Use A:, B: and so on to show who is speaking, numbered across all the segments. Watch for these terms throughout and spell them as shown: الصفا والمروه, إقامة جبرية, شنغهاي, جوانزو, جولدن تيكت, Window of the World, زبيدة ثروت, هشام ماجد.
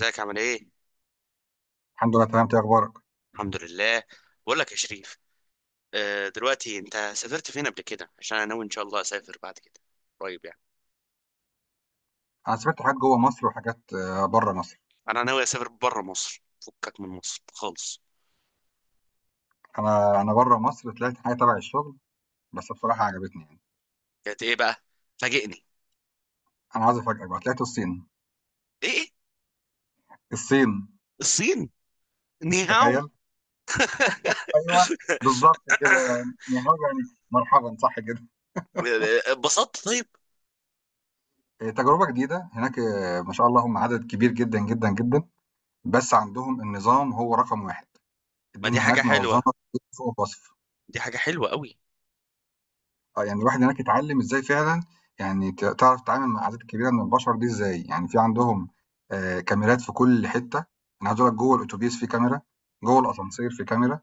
A: ازيك؟ عامل ايه؟
B: الحمد لله تمام. إنت إيه اخبارك؟
A: الحمد لله. بقول لك يا شريف، آه، دلوقتي انت سافرت فين قبل كده؟ عشان انا ناوي ان شاء الله اسافر بعد كده قريب يعني.
B: انا سافرت حاجات جوه مصر وحاجات بره مصر.
A: انا ناوي اسافر بره مصر، فكك من مصر خالص.
B: انا بره مصر طلعت حاجه تبع الشغل، بس بصراحه عجبتني يعني.
A: كانت ايه بقى؟ فاجئني.
B: انا عايز افاجئك، بقى طلعت الصين.
A: ايه؟
B: الصين،
A: الصين؟ نيهاو.
B: تخيل. ايوه، بالظبط كده. يعني هو يعني مرحبا صح كده.
A: اتبسطت طيب؟
B: إيه، تجربه جديده هناك. إيه، ما شاء الله، هم عدد كبير جدا جدا جدا، بس عندهم النظام هو رقم واحد.
A: ما دي
B: الدنيا
A: حاجة
B: هناك منظمه
A: حلوة.
B: فوق الوصف.
A: دي حاجة حلوة قوي.
B: يعني الواحد هناك اتعلّم إزاي فعلًا. يعني تعرف تتعامل مع الأعداد الكبيرة من البشر دي إزاي. يعني في عندهم كاميرات في كل حتّة. أنا عايز أقول لك، جوّه الأوتوبيس في كاميرا، جوّه الأسانسير في كاميرا.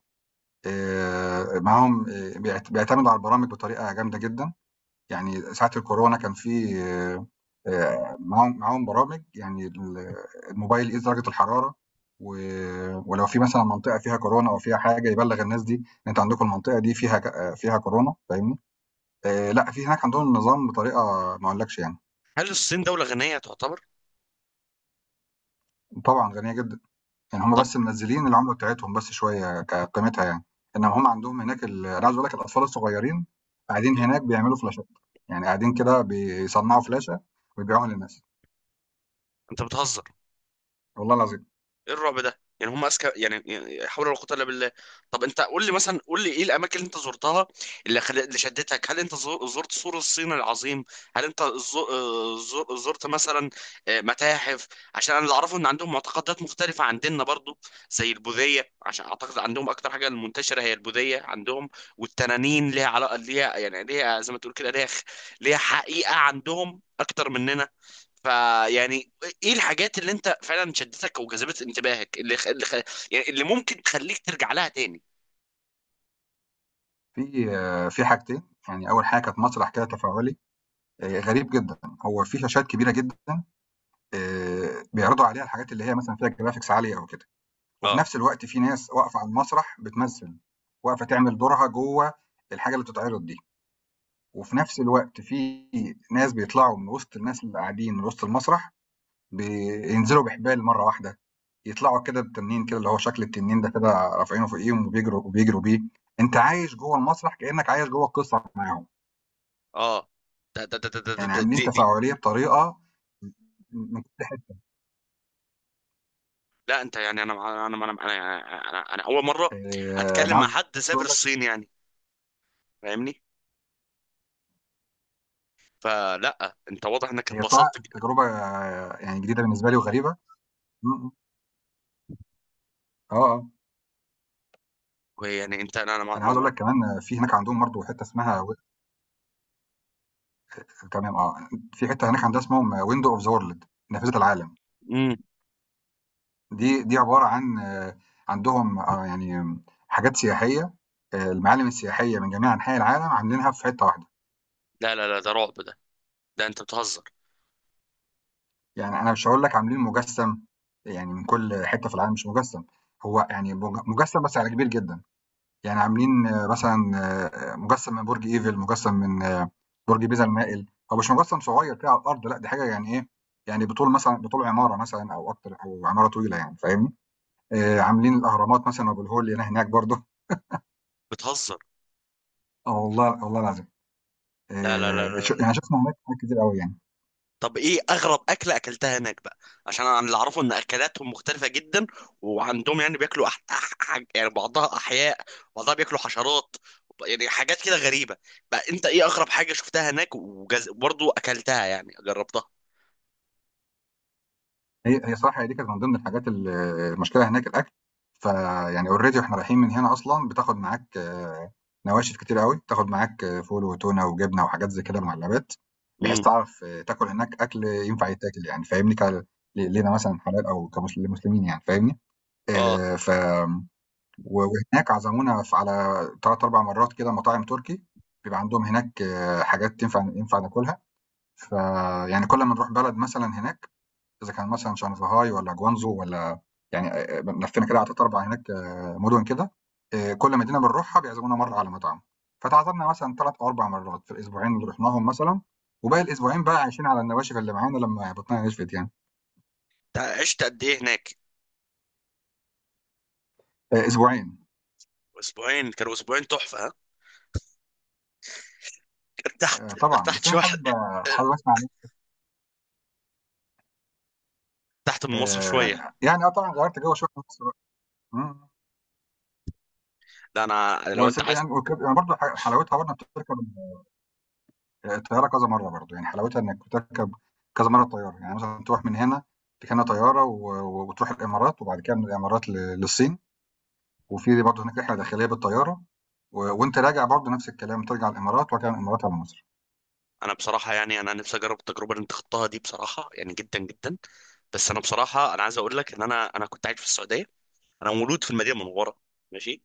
B: معاهم، بيعتمدوا على البرامج بطريقة جامدة جدًا. يعني ساعة الكورونا كان في معاهم برامج، يعني الموبايل يقيس درجة الحرارة، و ولو في مثلًا منطقة فيها كورونا أو فيها حاجة يبلّغ الناس دي إن أنتم عندكم المنطقة دي فيها ك آه، فيها كورونا، فاهمني؟ لأ، في هناك عندهم النظام بطريقة ما أقولكش يعني.
A: هل الصين دولة غنية تعتبر؟
B: وطبعًا غنية جدًا. يعني هُم
A: طب،
B: بس منزّلين العملة بتاعتهم بس شوية كقيمتها يعني. إنّما هُم عندهم هناك أنا عايز أقول لك الأطفال الصغيّرين قاعدين هناك بيعملوا فلاشات. يعني قاعدين كده بيصنّعوا فلاشة ويبيعوها للناس،
A: انت بتهزر.
B: والله العظيم.
A: ايه الرعب ده؟ يعني هم اذكى يعني، يعني حول ولا قوه الا بالله. طب انت قول لي مثلا، قول لي ايه الاماكن اللي انت زرتها، اللي شدتك. هل انت زرت سور الصين العظيم؟ هل انت زرت مثلا آه، متاحف؟ عشان انا اللي اعرفه ان عندهم معتقدات مختلفه عن ديننا برضو، زي البوذيه، عشان اعتقد عندهم اكتر حاجه المنتشره هي البوذيه عندهم. والتنانين ليها علاقه، ليها يعني، ليها زي ما تقول كده، ليها حقيقه عندهم اكتر مننا. فيعني ايه الحاجات اللي انت فعلا شدتك وجذبت انتباهك، يعني اللي ممكن تخليك ترجع لها تاني؟
B: في في حاجتين. يعني أول حاجة كانت مسرح كده تفاعلي، غريب جدًا. هو في شاشات كبيرة جدًا بيعرضوا عليها الحاجات اللي هي مثلًا فيها graphics عالية أو كده، وفي
A: اه،
B: نفس الوقت في ناس واقفة على المسرح بتمثل، واقفة تعمل دورها جوه الحاجة اللي بتتعرض دي. وفي نفس الوقت في ناس بيطلعوا من وسط الناس اللي قاعدين، من وسط المسرح بينزلوا بحبال مرة واحدة، يطلعوا كده بتنين كده اللي هو شكل التنين ده، كده رافعينه فوقيهم وبيجروا وبيجروا بيه. أنت عايش جوه المسرح كأنك عايش جوه القصة معاهم.
A: اه. ده ده ده ده ده ده
B: يعني
A: ده-
B: عاملين
A: دي دي
B: تفاعلية بطريقة
A: لا، انت يعني، أنا اول مره
B: أنا
A: اتكلم مع
B: عاوز
A: حد سافر
B: أقول لك،
A: الصين يعني، فاهمني؟ فلا، انت واضح انك
B: هي صراحة
A: اتبسطت.
B: تجربة يعني جديدة بالنسبة لي وغريبة. امم، آه آه.
A: يعني انت، انا انا ما
B: أنا
A: ما
B: عاوز أقول
A: ما-
B: لك كمان في هناك عندهم برضه حتة اسمها تمام. في حتة هناك عندها اسمهم ويندو أوف ذا وورلد، نافذة العالم.
A: مم.
B: دي عبارة عن عندهم، يعني حاجات سياحية. المعالم السياحية من جميع أنحاء العالم عاملينها في حتة واحدة.
A: لا لا لا، ده رعب ده. انت بتهزر
B: يعني أنا مش هقول لك عاملين مجسم يعني من كل حتة في العالم، مش مجسم هو، يعني مجسم بس على كبير جدا. يعني عاملين، مثلًا مجسّم من برج إيفل، مجسّم من برج بيزا المائل. هو مش مجسّم صغير كده على الأرض، لأ، دي حاجة يعني إيه، يعني بطول مثلًا بطول عمارة مثلًا أو أكتر، أو عمارة طويلة يعني، فاهمني؟ عاملين الأهرامات مثلًا وأبو الهول اللي هنا هناك برضه.
A: بتهزر
B: والله والله العظيم.
A: لا لا لا
B: ش
A: لا.
B: يعني شُفنا هناك حاجات كتير أوي يعني.
A: طب ايه اغرب اكله اكلتها هناك بقى؟ عشان انا اللي اعرفه ان اكلاتهم مختلفه جدا، وعندهم يعني بياكلوا يعني بعضها احياء، بعضها بياكلوا حشرات، يعني حاجات كده غريبه. بقى انت ايه اغرب حاجه شفتها هناك برضو اكلتها يعني جربتها؟
B: هي صح، هي دي كانت من ضمن الحاجات، المشكلة هناك الأكل. فيعني already وإحنا رايحين من هنا أصلًا بتاخد معاك نواشف كتير أوي، بتاخد معاك فول وتونة وجبنة وحاجات زي كده معلبات، بحيث
A: امم،
B: تعرف تاكل هناك أكل ينفع يتاكل يعني، فاهمني؟ ك ل لينا مثلًا حلال، أو كمسل لمسلمين يعني، فاهمني؟
A: اه.
B: ف وهناك عزمونا على 3، 4 مرات كده مطاعم تركي. بيبقى عندهم هناك حاجات تنفع ينفع ناكلها. فيعني كل ما نروح بلد مثلًا هناك، إذا كان مثلًا شنغهاي والّا جوانزو والّا، يعني لفينا كده على 3، 4 هناك مدن كده. كل مدينة بنروحها بيعزمونا مرّة على مطعم، فتعادلنا مثلًا 3 أو 4 مرات في الأسبوعين اللي رُحناهم مثلًا. وباقي الأسبوعين بقى عايشين على النواشف اللي معانا لمّا بطننا نشفت يعني.
A: عشت قد ايه هناك؟
B: أسبوعين.
A: اسبوعين؟ كانوا اسبوعين تحفه ها؟ ارتحت
B: طبعًا،
A: ارتحت
B: بس أنا
A: شويه؟
B: حابب حابب أسمع منِّك.
A: ارتحت من مصر شويه؟
B: يعني طبعًا غيّرت جو شوية في نفس الوقت. إمم،
A: لا، انا لو انت.
B: يعني وكانت برضه حلاوتها برضه بتركب الطياره كذا مره برضه، يعني حلاوتها انك تركب كذا مره الطياره. يعني مثلا تروح من هنا تكنا طياره وتروح الامارات، وبعد كده من الامارات للصين. وفي برضه هناك رحله داخليه بالطياره. وانت راجع برضه نفس الكلام، ترجع الامارات وارجع من الامارات على مصر.
A: انا بصراحه يعني انا نفسي اجرب التجربه اللي انت خضتها دي بصراحه، يعني جدا جدا. بس انا بصراحه، انا عايز اقول لك ان انا كنت عايش في السعوديه. انا مولود في المدينه المنوره، ماشي.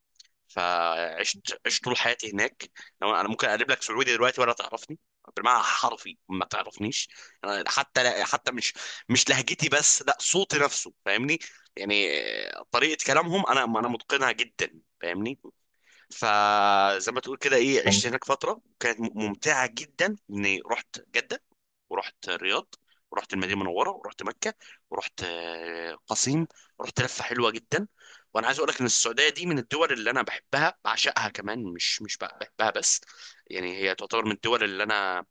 A: فعشت، عشت طول حياتي هناك. لو انا ممكن اقلب لك سعودي دلوقتي ولا تعرفني، بالمعنى حرفي ما تعرفنيش. أنا حتى، لا حتى مش، مش لهجتي بس لا، صوتي نفسه، فاهمني؟ يعني طريقه كلامهم انا
B: آه،
A: متقنها جدا، فاهمني. فزي ما تقول كده، ايه،
B: تمام.
A: عشت هناك فتره كانت ممتعه جدا. اني رحت جده، ورحت الرياض، ورحت المدينه المنوره، ورحت مكه، ورحت آه، قصيم. رحت لفه حلوه جدا. وانا عايز اقول لك ان السعوديه دي من الدول اللي انا بحبها، بعشقها كمان، مش مش بحبها بس. يعني هي تعتبر من الدول اللي انا،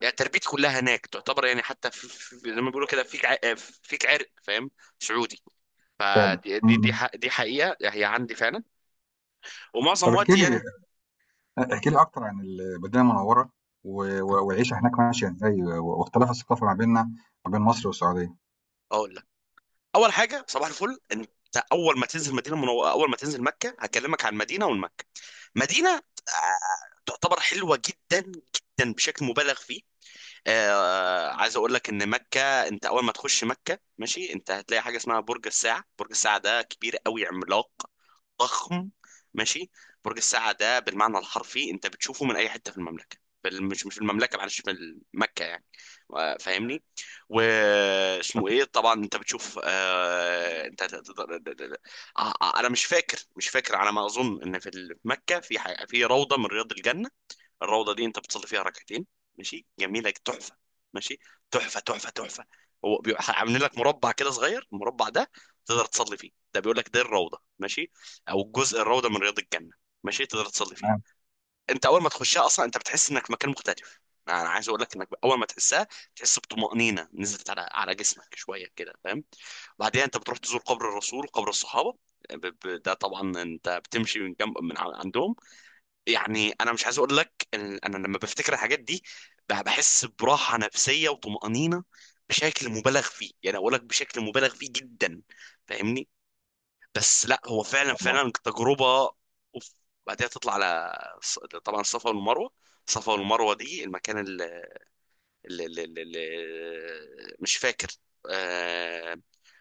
A: يعني تربيتي كلها هناك تعتبر يعني، حتى في زي ما بيقولوا كده فيك آه، فيك عرق، فاهم؟ سعودي.
B: فعلا.
A: فدي
B: م- م.
A: دي حقيقه هي عندي فعلا. ومعظم
B: طب احكي
A: وقتي
B: لي،
A: يعني.
B: احكي لي اكتر عن المدينه المنوره والعيشه هناك ماشيه ازاي، واختلاف الثقافه ما بيننا، ما بين مصر والسعوديه.
A: اقول لك، اول حاجه صباح الفل، انت اول ما تنزل اول ما تنزل مكه، هكلمك عن المدينه والمكه. مدينه آه، تعتبر حلوه جدا جدا بشكل مبالغ فيه. آه، عايز اقول لك ان مكه، انت اول ما تخش مكه، ماشي، انت هتلاقي حاجه اسمها برج الساعه. برج الساعه ده كبير قوي، عملاق، ضخم، ماشي. برج الساعة ده بالمعنى الحرفي انت بتشوفه من اي حتة في المملكة. بل مش مش في المملكة، معلش، في مكة يعني، آه، فاهمني؟
B: طب
A: واسمه ايه طبعا، انت بتشوف آه... آه، آه، انا مش فاكر، مش فاكر. على ما اظن ان في في مكة في في روضة من رياض الجنة. الروضه دي انت بتصلي فيها ركعتين، ماشي، جميله، تحفه، ماشي، تحفه تحفه تحفه. هو عاملين لك مربع كده صغير. المربع ده تقدر تصلي فيه، ده بيقول لك ده الروضه، ماشي، او جزء الروضه من رياض الجنه، ماشي، تقدر تصلي فيه.
B: تمام.
A: انت اول ما تخشها اصلا انت بتحس انك في مكان مختلف. انا عايز اقول لك انك اول ما تحسها، تحس بطمأنينه نزلت على، على جسمك شويه كده، فاهم؟ بعدها انت بتروح تزور قبر الرسول، قبر الصحابه. ده طبعا انت بتمشي من جنب، من عندهم. يعني انا مش عايز اقول لك ان انا لما بفتكر الحاجات دي، بحس براحه نفسيه وطمانينه بشكل مبالغ فيه. يعني اقول لك بشكل مبالغ فيه جدا، فاهمني؟ بس لا، هو
B: ما
A: فعلا
B: شاء الله.
A: فعلا تجربه. اوف. بعدها تطلع على طبعا الصفا والمروه. الصفا والمروه دي المكان اللي مش فاكر، آه،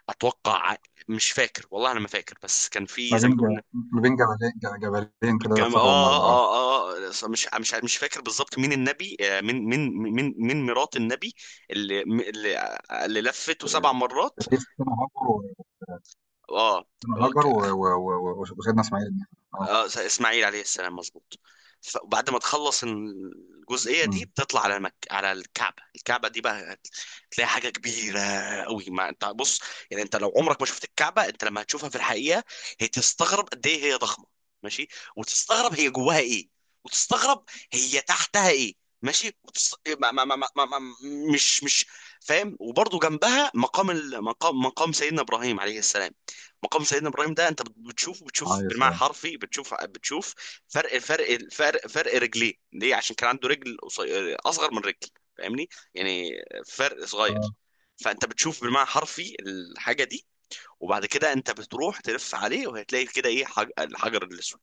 A: اتوقع، مش فاكر والله، انا ما فاكر، بس كان
B: ما
A: في زي
B: بين
A: ما تقول.
B: ج- ما بين جبلين، جبلين كده،
A: الجامعة
B: الصفا
A: آه
B: والمروه. اه،
A: آه آه، مش مش فاكر بالظبط مين النبي، آه، مين مرات النبي اللي اللي, اللي لفته 7 مرات.
B: لسه سنة هاجر،
A: آه.
B: سيدنا هاجر وسيدنا اسماعيل النبي. اه.
A: آه، اسماعيل عليه السلام، مظبوط. فبعد ما تخلص الجزئية دي
B: امم.
A: بتطلع على على الكعبة. الكعبة دي بقى تلاقي حاجة كبيرة قوي. ما انت بص، يعني انت لو عمرك ما شفت الكعبة، انت لما هتشوفها في الحقيقة هي، تستغرب قد ايه هي ضخمة، ماشي. وتستغرب هي جواها ايه، وتستغرب هي تحتها ايه، ماشي. وتست... ما ما ما ما ما ما مش مش فاهم؟ وبرضه جنبها مقام مقام سيدنا ابراهيم عليه السلام. مقام سيدنا ابراهيم ده انت بتشوفه، بتشوف
B: عليه
A: بالمعنى
B: السلام.
A: حرفي، بتشوف بتشوف فرق رجليه ليه. عشان كان عنده رجل اصغر من رجل، فاهمني؟ يعني فرق
B: اه.
A: صغير. فانت بتشوف بالمعنى حرفي الحاجه دي. وبعد كده انت بتروح تلف عليه، وهتلاقي كده ايه، الحجر الاسود.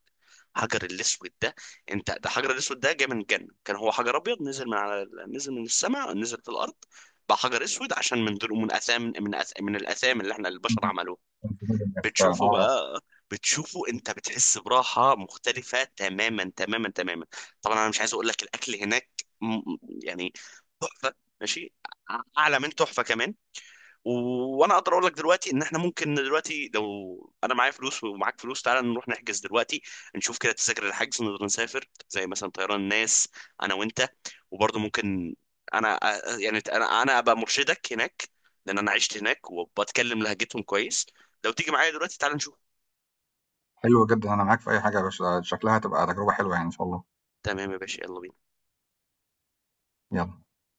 A: الحجر الاسود ده، انت ده الحجر الاسود ده جاي من الجنه، كان هو حجر ابيض نزل من على، نزل من السماء، نزل في الارض، بقى حجر اسود عشان من دول، من اثام، من الاثام اللي احنا البشر
B: أمم.
A: عملوها.
B: كان في جبل الناس فعلا،
A: بتشوفه
B: اه.
A: بقى، بتشوفه انت، بتحس براحة مختلفة تماما تماما تماما. طبعا انا مش عايز اقول لك، الاكل هناك، م- يعني تحفة، ماشي، اعلى من تحفة كمان. وانا اقدر اقول لك دلوقتي ان احنا ممكن دلوقتي، لو انا معايا فلوس ومعاك فلوس، تعالى نروح نحجز دلوقتي، نشوف كده تذاكر الحجز، نقدر نسافر زي مثلا طيران الناس، انا وانت. وبرضه ممكن انا يعني انا ابقى مرشدك هناك، لان انا عشت هناك وبتكلم لهجتهم كويس. لو تيجي معايا دلوقتي تعالى نشوف.
B: حلو جدا، انا معاك في اي حاجه يا باشا، شكلها هتبقى تجربه حلوه يعني ان شاء الله.
A: تمام يا باشا، يلا بينا.
B: يلا.